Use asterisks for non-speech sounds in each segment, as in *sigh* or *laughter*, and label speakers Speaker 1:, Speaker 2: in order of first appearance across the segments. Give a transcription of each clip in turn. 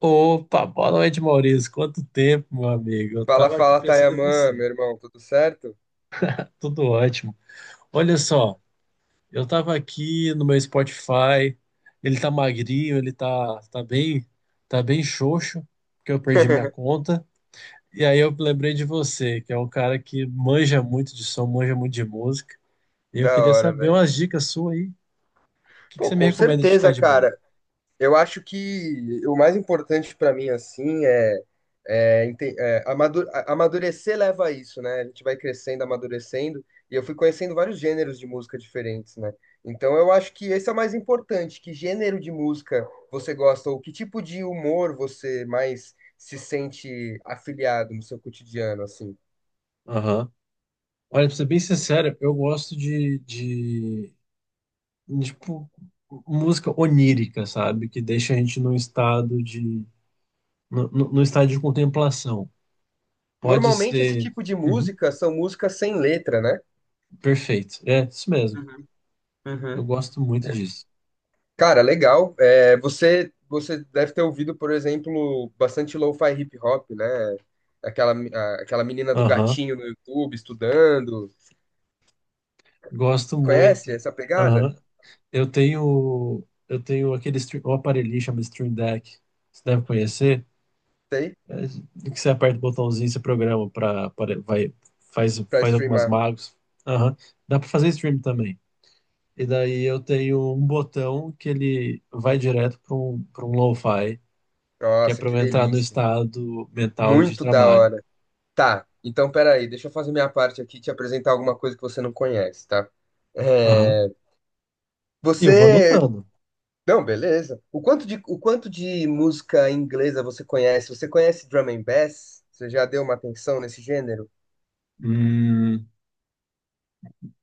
Speaker 1: Opa, boa noite, Maurício. Quanto tempo, meu amigo? Eu
Speaker 2: Fala,
Speaker 1: tava aqui
Speaker 2: fala,
Speaker 1: pensando em
Speaker 2: Tayaman,
Speaker 1: você.
Speaker 2: meu irmão, tudo certo?
Speaker 1: Tudo ótimo. Olha só, eu tava aqui no meu Spotify. Ele tá magrinho, ele tá, tá bem xoxo, porque eu perdi minha
Speaker 2: *laughs*
Speaker 1: conta. E aí eu lembrei de você, que é um cara que manja muito de som, manja muito de música. E eu
Speaker 2: Da
Speaker 1: queria
Speaker 2: hora,
Speaker 1: saber
Speaker 2: velho.
Speaker 1: umas dicas suas aí. O que que
Speaker 2: Pô,
Speaker 1: você me
Speaker 2: com
Speaker 1: recomenda de
Speaker 2: certeza,
Speaker 1: escutar de bom?
Speaker 2: cara. Eu acho que o mais importante pra mim, assim, amadurecer leva a isso, né? A gente vai crescendo, amadurecendo, e eu fui conhecendo vários gêneros de música diferentes, né? Então eu acho que esse é o mais importante. Que gênero de música você gosta, ou que tipo de humor você mais se sente afiliado no seu cotidiano, assim?
Speaker 1: Aham. Olha, pra ser bem sincero, eu gosto de tipo, música onírica, sabe? Que deixa a gente num estado de. No, no- no estado de contemplação. Pode
Speaker 2: Normalmente esse
Speaker 1: ser.
Speaker 2: tipo de
Speaker 1: Uhum,
Speaker 2: música são músicas sem letra, né?
Speaker 1: perfeito. É, isso mesmo.
Speaker 2: Uhum,
Speaker 1: Eu
Speaker 2: uhum.
Speaker 1: gosto muito disso.
Speaker 2: Cara, legal. É, você deve ter ouvido, por exemplo, bastante lo-fi hip hop, né? Aquela, a- aquela menina do
Speaker 1: Aham.
Speaker 2: gatinho no YouTube estudando.
Speaker 1: Gosto
Speaker 2: Conhece
Speaker 1: muito.
Speaker 2: essa pegada?
Speaker 1: Aham. Eu tenho aquele stream, um aparelhinho chama Stream Deck. Você deve conhecer.
Speaker 2: Tem?
Speaker 1: É, que você aperta o botãozinho, você programa para. Vai, faz,
Speaker 2: Pra
Speaker 1: faz algumas
Speaker 2: streamar.
Speaker 1: magos. Aham. Dá para fazer stream também. E daí eu tenho um botão que ele vai direto para um lo-fi, que é
Speaker 2: Nossa,
Speaker 1: para
Speaker 2: que
Speaker 1: eu entrar no
Speaker 2: delícia.
Speaker 1: estado mental de
Speaker 2: Muito da
Speaker 1: trabalho.
Speaker 2: hora. Tá, então peraí, deixa eu fazer minha parte aqui e te apresentar alguma coisa que você não conhece, tá?
Speaker 1: Aham.
Speaker 2: É,
Speaker 1: E eu vou
Speaker 2: você
Speaker 1: anotando.
Speaker 2: Não, beleza. O quanto de música inglesa você conhece? Você conhece drum and bass? Você já deu uma atenção nesse gênero?
Speaker 1: Hum,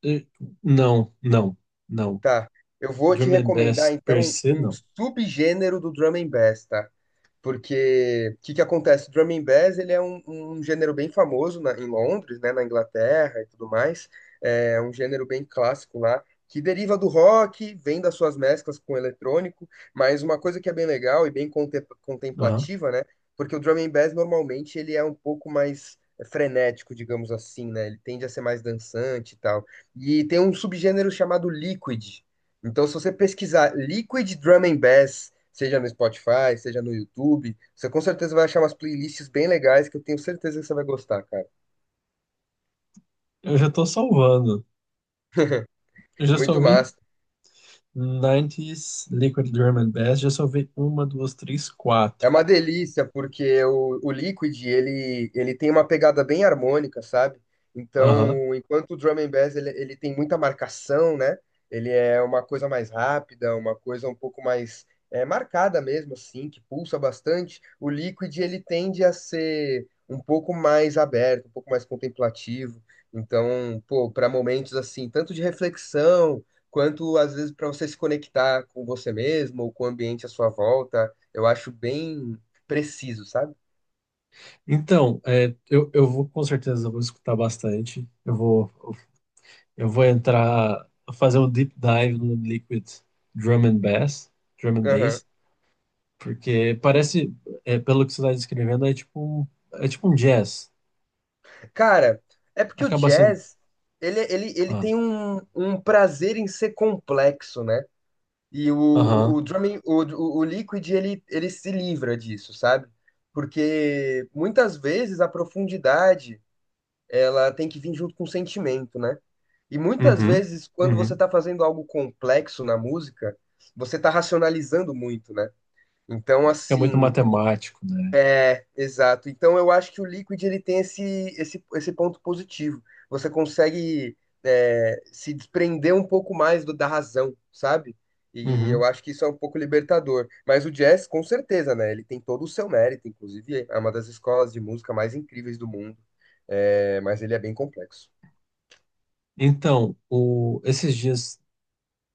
Speaker 1: eh, não, não, não.
Speaker 2: Tá. Eu vou te
Speaker 1: Drum and
Speaker 2: recomendar,
Speaker 1: Bass per
Speaker 2: então,
Speaker 1: se,
Speaker 2: um
Speaker 1: não.
Speaker 2: subgênero do drum and bass, tá? Porque o que que acontece? O Drum and Bass, ele é um gênero bem famoso em Londres, né, na Inglaterra e tudo mais. É um gênero bem clássico lá, que deriva do rock, vem das suas mesclas com o eletrônico, mas uma coisa que é bem legal e bem
Speaker 1: Aham.
Speaker 2: contemplativa, né? Porque o Drum and Bass normalmente ele é um pouco mais frenético, digamos assim, né? Ele tende a ser mais dançante e tal. E tem um subgênero chamado liquid, então, se você pesquisar Liquid Drum and Bass, seja no Spotify, seja no YouTube, você com certeza vai achar umas playlists bem legais que eu tenho certeza que você vai gostar, cara.
Speaker 1: Eu já estou salvando. Eu já
Speaker 2: Muito
Speaker 1: salvei
Speaker 2: massa.
Speaker 1: 90 Liquid Drum and Bass, já salvei uma, duas, três,
Speaker 2: É
Speaker 1: quatro.
Speaker 2: uma delícia, porque o Liquid, ele tem uma pegada bem harmônica, sabe?
Speaker 1: Aham.
Speaker 2: Então, enquanto o Drum and Bass, ele tem muita marcação, né? Ele é uma coisa mais rápida, uma coisa um pouco mais é, marcada mesmo, assim, que pulsa bastante. O Liquid, ele tende a ser um pouco mais aberto, um pouco mais contemplativo. Então, pô, para momentos assim, tanto de reflexão, quanto às vezes para você se conectar com você mesmo ou com o ambiente à sua volta. Eu acho bem preciso, sabe?
Speaker 1: Então, eu vou, com certeza vou escutar bastante. Eu vou entrar, fazer um deep dive no Liquid Drum and Bass, Drum and
Speaker 2: Aham.
Speaker 1: Bass, porque parece, pelo que você está descrevendo, é tipo um jazz.
Speaker 2: Cara, é porque o
Speaker 1: Acaba sendo.
Speaker 2: jazz, ele
Speaker 1: Ah,
Speaker 2: tem um prazer em ser complexo, né? E
Speaker 1: aham,
Speaker 2: o drum, and- o Liquid, ele se livra disso, sabe? Porque muitas vezes a profundidade, ela tem que vir junto com o sentimento, né? E muitas
Speaker 1: uhum,
Speaker 2: vezes, quando você
Speaker 1: uhum.
Speaker 2: tá fazendo algo complexo na música, você tá racionalizando muito, né? Então,
Speaker 1: É muito
Speaker 2: assim,
Speaker 1: matemático, né?
Speaker 2: exato. Então eu acho que o Liquid ele tem esse ponto positivo. Você consegue é, se desprender um pouco mais da razão, sabe? E eu
Speaker 1: Uhum.
Speaker 2: acho que isso é um pouco libertador. Mas o jazz, com certeza, né? Ele tem todo o seu mérito, inclusive é uma das escolas de música mais incríveis do mundo. É, mas ele é bem complexo.
Speaker 1: Então, esses dias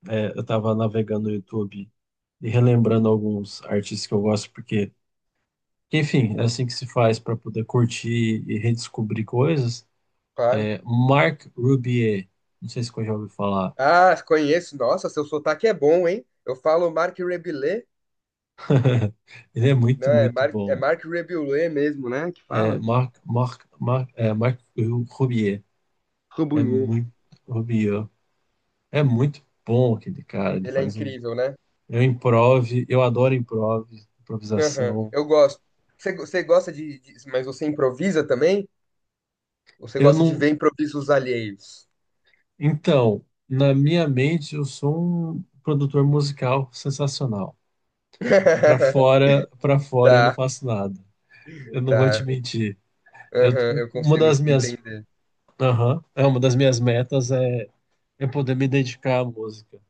Speaker 1: eu estava navegando no YouTube e relembrando alguns artistas que eu gosto, porque, enfim, é assim que se faz para poder curtir e redescobrir coisas.
Speaker 2: Claro.
Speaker 1: É, Marc Rubier, não sei se você já ouviu falar.
Speaker 2: Ah, conheço. Nossa, seu sotaque é bom, hein? Eu falo Marc Rebelé,
Speaker 1: *laughs* Ele é muito,
Speaker 2: né? É
Speaker 1: muito
Speaker 2: Marc, é
Speaker 1: bom.
Speaker 2: Marc Rebelé mesmo, né? Que fala.
Speaker 1: Marc Rubier é
Speaker 2: Rebouillet.
Speaker 1: muito, Rubier é muito bom aquele cara. Ele
Speaker 2: Ele é
Speaker 1: faz um,
Speaker 2: incrível, né?
Speaker 1: eu improv, eu adoro
Speaker 2: Aham,
Speaker 1: improvisação.
Speaker 2: eu gosto. Você gosta de- Mas você improvisa também? Ou você
Speaker 1: Eu
Speaker 2: gosta de
Speaker 1: não,
Speaker 2: ver improvisos alheios?
Speaker 1: então, na minha mente eu sou um produtor musical sensacional.
Speaker 2: *laughs*
Speaker 1: Para fora eu não
Speaker 2: Tá,
Speaker 1: faço nada. Eu não vou te
Speaker 2: tá.
Speaker 1: mentir. Eu,
Speaker 2: Aham, eu
Speaker 1: uma
Speaker 2: consigo
Speaker 1: das minhas
Speaker 2: entender.
Speaker 1: Aham. É uma das minhas metas é poder me dedicar à música.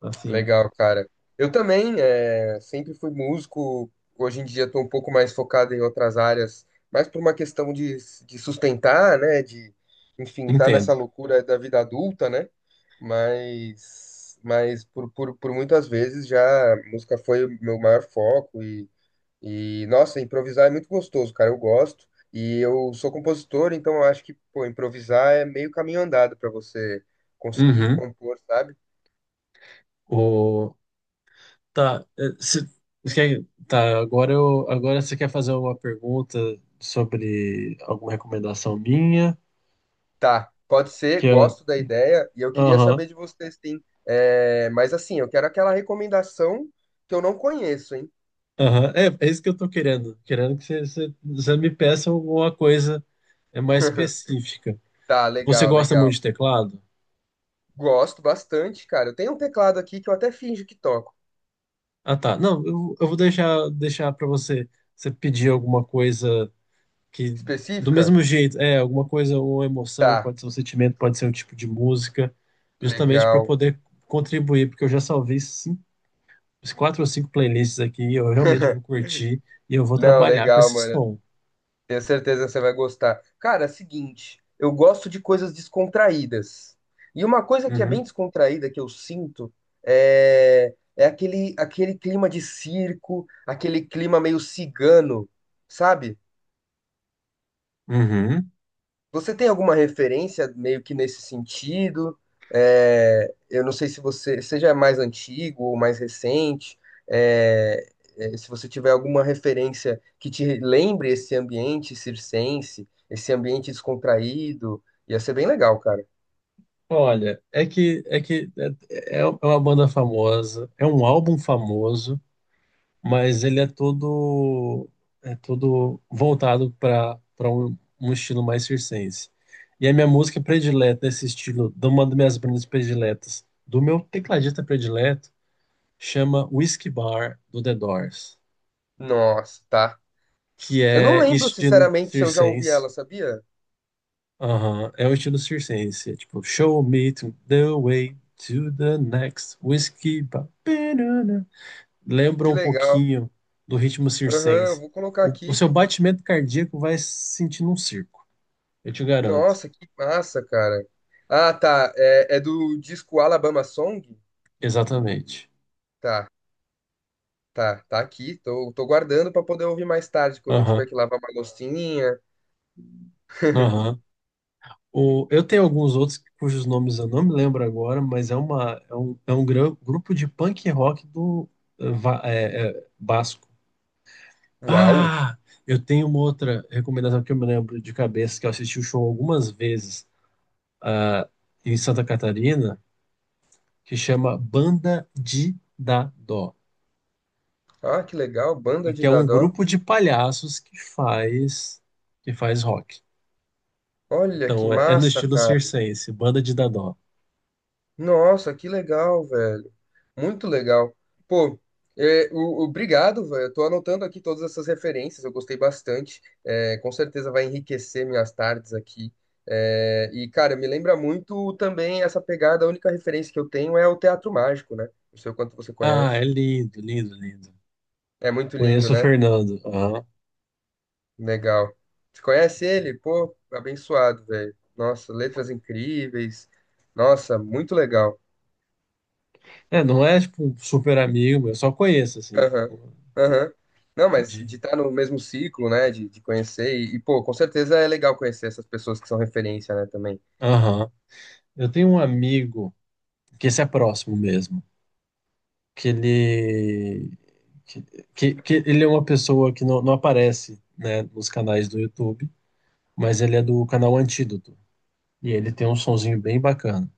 Speaker 1: Assim,
Speaker 2: Legal, cara. Eu também é, sempre fui músico. Hoje em dia estou um pouco mais focado em outras áreas, mais por uma questão de sustentar, né? De, enfim, tá nessa
Speaker 1: entendo.
Speaker 2: loucura da vida adulta, né? Mas, mas por muitas vezes já a música foi o meu maior foco. E, nossa, improvisar é muito gostoso, cara. Eu gosto. E eu sou compositor, então eu acho que, pô, improvisar é meio caminho andado pra você conseguir
Speaker 1: Uhum.
Speaker 2: compor, sabe?
Speaker 1: O... Tá, é, se... você quer- tá, agora você quer fazer uma pergunta sobre alguma recomendação minha?
Speaker 2: Tá, pode ser,
Speaker 1: Que é...
Speaker 2: gosto da ideia. E eu queria
Speaker 1: Aham,
Speaker 2: saber de vocês, sim. É, mas assim, eu quero aquela recomendação que eu não conheço, hein?
Speaker 1: aham. É, é isso que eu tô querendo. Querendo que você me peça alguma coisa mais específica.
Speaker 2: *laughs* Tá,
Speaker 1: Você
Speaker 2: legal,
Speaker 1: gosta muito
Speaker 2: legal.
Speaker 1: de teclado?
Speaker 2: Gosto bastante, cara. Eu tenho um teclado aqui que eu até finjo que toco.
Speaker 1: Ah, tá. Não, eu vou deixar para você pedir alguma coisa que do
Speaker 2: Específica?
Speaker 1: mesmo jeito, alguma coisa, uma emoção,
Speaker 2: Tá,
Speaker 1: pode ser um sentimento, pode ser um tipo de música, justamente para
Speaker 2: legal.
Speaker 1: poder contribuir, porque eu já salvei cinco, quatro ou cinco playlists aqui, e eu realmente vou curtir e eu vou
Speaker 2: Não,
Speaker 1: trabalhar com
Speaker 2: legal,
Speaker 1: esse
Speaker 2: mano.
Speaker 1: som.
Speaker 2: Tenho certeza que você vai gostar. Cara, é o seguinte, eu gosto de coisas descontraídas. E uma coisa que é bem
Speaker 1: Uhum.
Speaker 2: descontraída que eu sinto é, é aquele clima de circo, aquele clima meio cigano, sabe?
Speaker 1: Uhum.
Speaker 2: Você tem alguma referência meio que nesse sentido? É, eu não sei se você seja mais antigo ou mais recente, é, se você tiver alguma referência que te lembre esse ambiente circense, esse ambiente descontraído, ia ser bem legal, cara.
Speaker 1: Olha, é que é uma banda famosa, é um álbum famoso, mas ele é todo, é todo voltado para um estilo mais circense. E a minha música predileta desse estilo, de uma das minhas bandas prediletas, do meu tecladista predileto, chama Whiskey Bar do The Doors,
Speaker 2: Nossa, tá.
Speaker 1: que
Speaker 2: Eu não
Speaker 1: é
Speaker 2: lembro,
Speaker 1: estilo
Speaker 2: sinceramente, se eu já ouvi
Speaker 1: circense.
Speaker 2: ela, sabia?
Speaker 1: Aham, é o estilo circense, é tipo "Show me to the way to the next whiskey bar", lembra
Speaker 2: Que
Speaker 1: um
Speaker 2: legal.
Speaker 1: pouquinho do ritmo
Speaker 2: Aham, eu
Speaker 1: circense.
Speaker 2: vou colocar
Speaker 1: O
Speaker 2: aqui.
Speaker 1: seu batimento cardíaco vai se sentir num circo, eu te garanto.
Speaker 2: Nossa, que massa, cara. Ah, tá. É, é do disco Alabama Song?
Speaker 1: Exatamente.
Speaker 2: Tá. Tá, tá aqui. Tô, tô guardando pra poder ouvir mais tarde, quando eu tiver
Speaker 1: Aham,
Speaker 2: que lavar uma loucinha.
Speaker 1: aham. Eu tenho alguns outros cujos nomes eu não me lembro agora, mas é um grupo de punk rock do Basco.
Speaker 2: Uau!
Speaker 1: Ah, eu tenho uma outra recomendação que eu me lembro de cabeça, que eu assisti o show algumas vezes, ah, em Santa Catarina, que chama Banda de Dadó,
Speaker 2: Ah, que legal, Banda
Speaker 1: e que
Speaker 2: de
Speaker 1: é um
Speaker 2: Dadó.
Speaker 1: grupo de palhaços que faz rock.
Speaker 2: Olha que
Speaker 1: Então, é é no
Speaker 2: massa,
Speaker 1: estilo
Speaker 2: cara.
Speaker 1: circense, banda de dadó.
Speaker 2: Nossa, que legal, velho. Muito legal. Pô, obrigado, velho. Eu tô anotando aqui todas essas referências, eu gostei bastante. É, com certeza vai enriquecer minhas tardes aqui. É, e, cara, me lembra muito também essa pegada. A única referência que eu tenho é o Teatro Mágico, né? Não sei o quanto você
Speaker 1: Ah, é
Speaker 2: conhece.
Speaker 1: lindo, lindo, lindo.
Speaker 2: É muito lindo,
Speaker 1: Conheço o
Speaker 2: né?
Speaker 1: Fernando. Aham.
Speaker 2: Legal. Você conhece ele? Pô, abençoado, velho. Nossa, letras incríveis. Nossa, muito legal.
Speaker 1: É, não é tipo um super amigo, meu, eu só conheço assim,
Speaker 2: Aham,
Speaker 1: tipo,
Speaker 2: aham. Não, mas
Speaker 1: de.
Speaker 2: de estar no mesmo ciclo, né? De conhecer. Pô, com certeza é legal conhecer essas pessoas que são referência, né? Também.
Speaker 1: Aham. Eu tenho um amigo que esse é próximo mesmo, que ele que, que ele é uma pessoa que não, não aparece, né, nos canais do YouTube, mas ele é do canal Antídoto e ele tem um sonzinho bem bacana.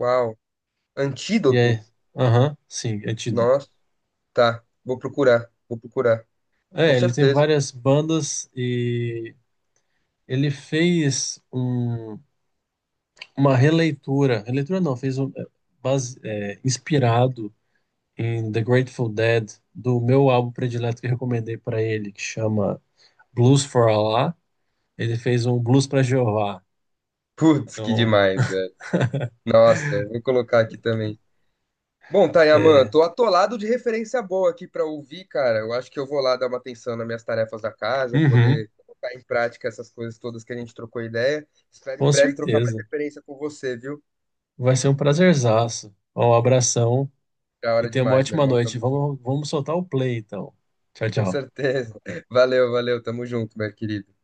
Speaker 2: Uau.
Speaker 1: E
Speaker 2: Antídoto?
Speaker 1: aham, sim, é Antídoto.
Speaker 2: Nossa, tá. Vou procurar, vou procurar. Com
Speaker 1: Ele tem
Speaker 2: certeza.
Speaker 1: várias bandas e ele fez um- uma releitura, releitura não, fez um, base, inspirado em The Grateful Dead, do meu álbum predileto que eu recomendei para ele, que chama Blues for Allah. Ele fez um Blues para Jeová.
Speaker 2: Putz, que
Speaker 1: Então,
Speaker 2: demais, velho. Nossa, vou colocar aqui também. Bom, Tayaman,
Speaker 1: é,
Speaker 2: tô atolado de referência boa aqui pra ouvir, cara. Eu acho que eu vou lá dar uma atenção nas minhas tarefas da casa,
Speaker 1: uhum,
Speaker 2: poder colocar em prática essas coisas todas que a gente trocou ideia. Espero em
Speaker 1: com
Speaker 2: breve trocar mais
Speaker 1: certeza.
Speaker 2: referência com você, viu?
Speaker 1: Vai ser um prazerzaço. Um abração
Speaker 2: Da
Speaker 1: e
Speaker 2: hora
Speaker 1: tenha uma
Speaker 2: demais, meu
Speaker 1: ótima
Speaker 2: irmão.
Speaker 1: noite.
Speaker 2: Tamo junto.
Speaker 1: Vamos soltar o play, então. Tchau,
Speaker 2: Com
Speaker 1: tchau.
Speaker 2: certeza. *laughs* Valeu, valeu. Tamo junto, meu querido.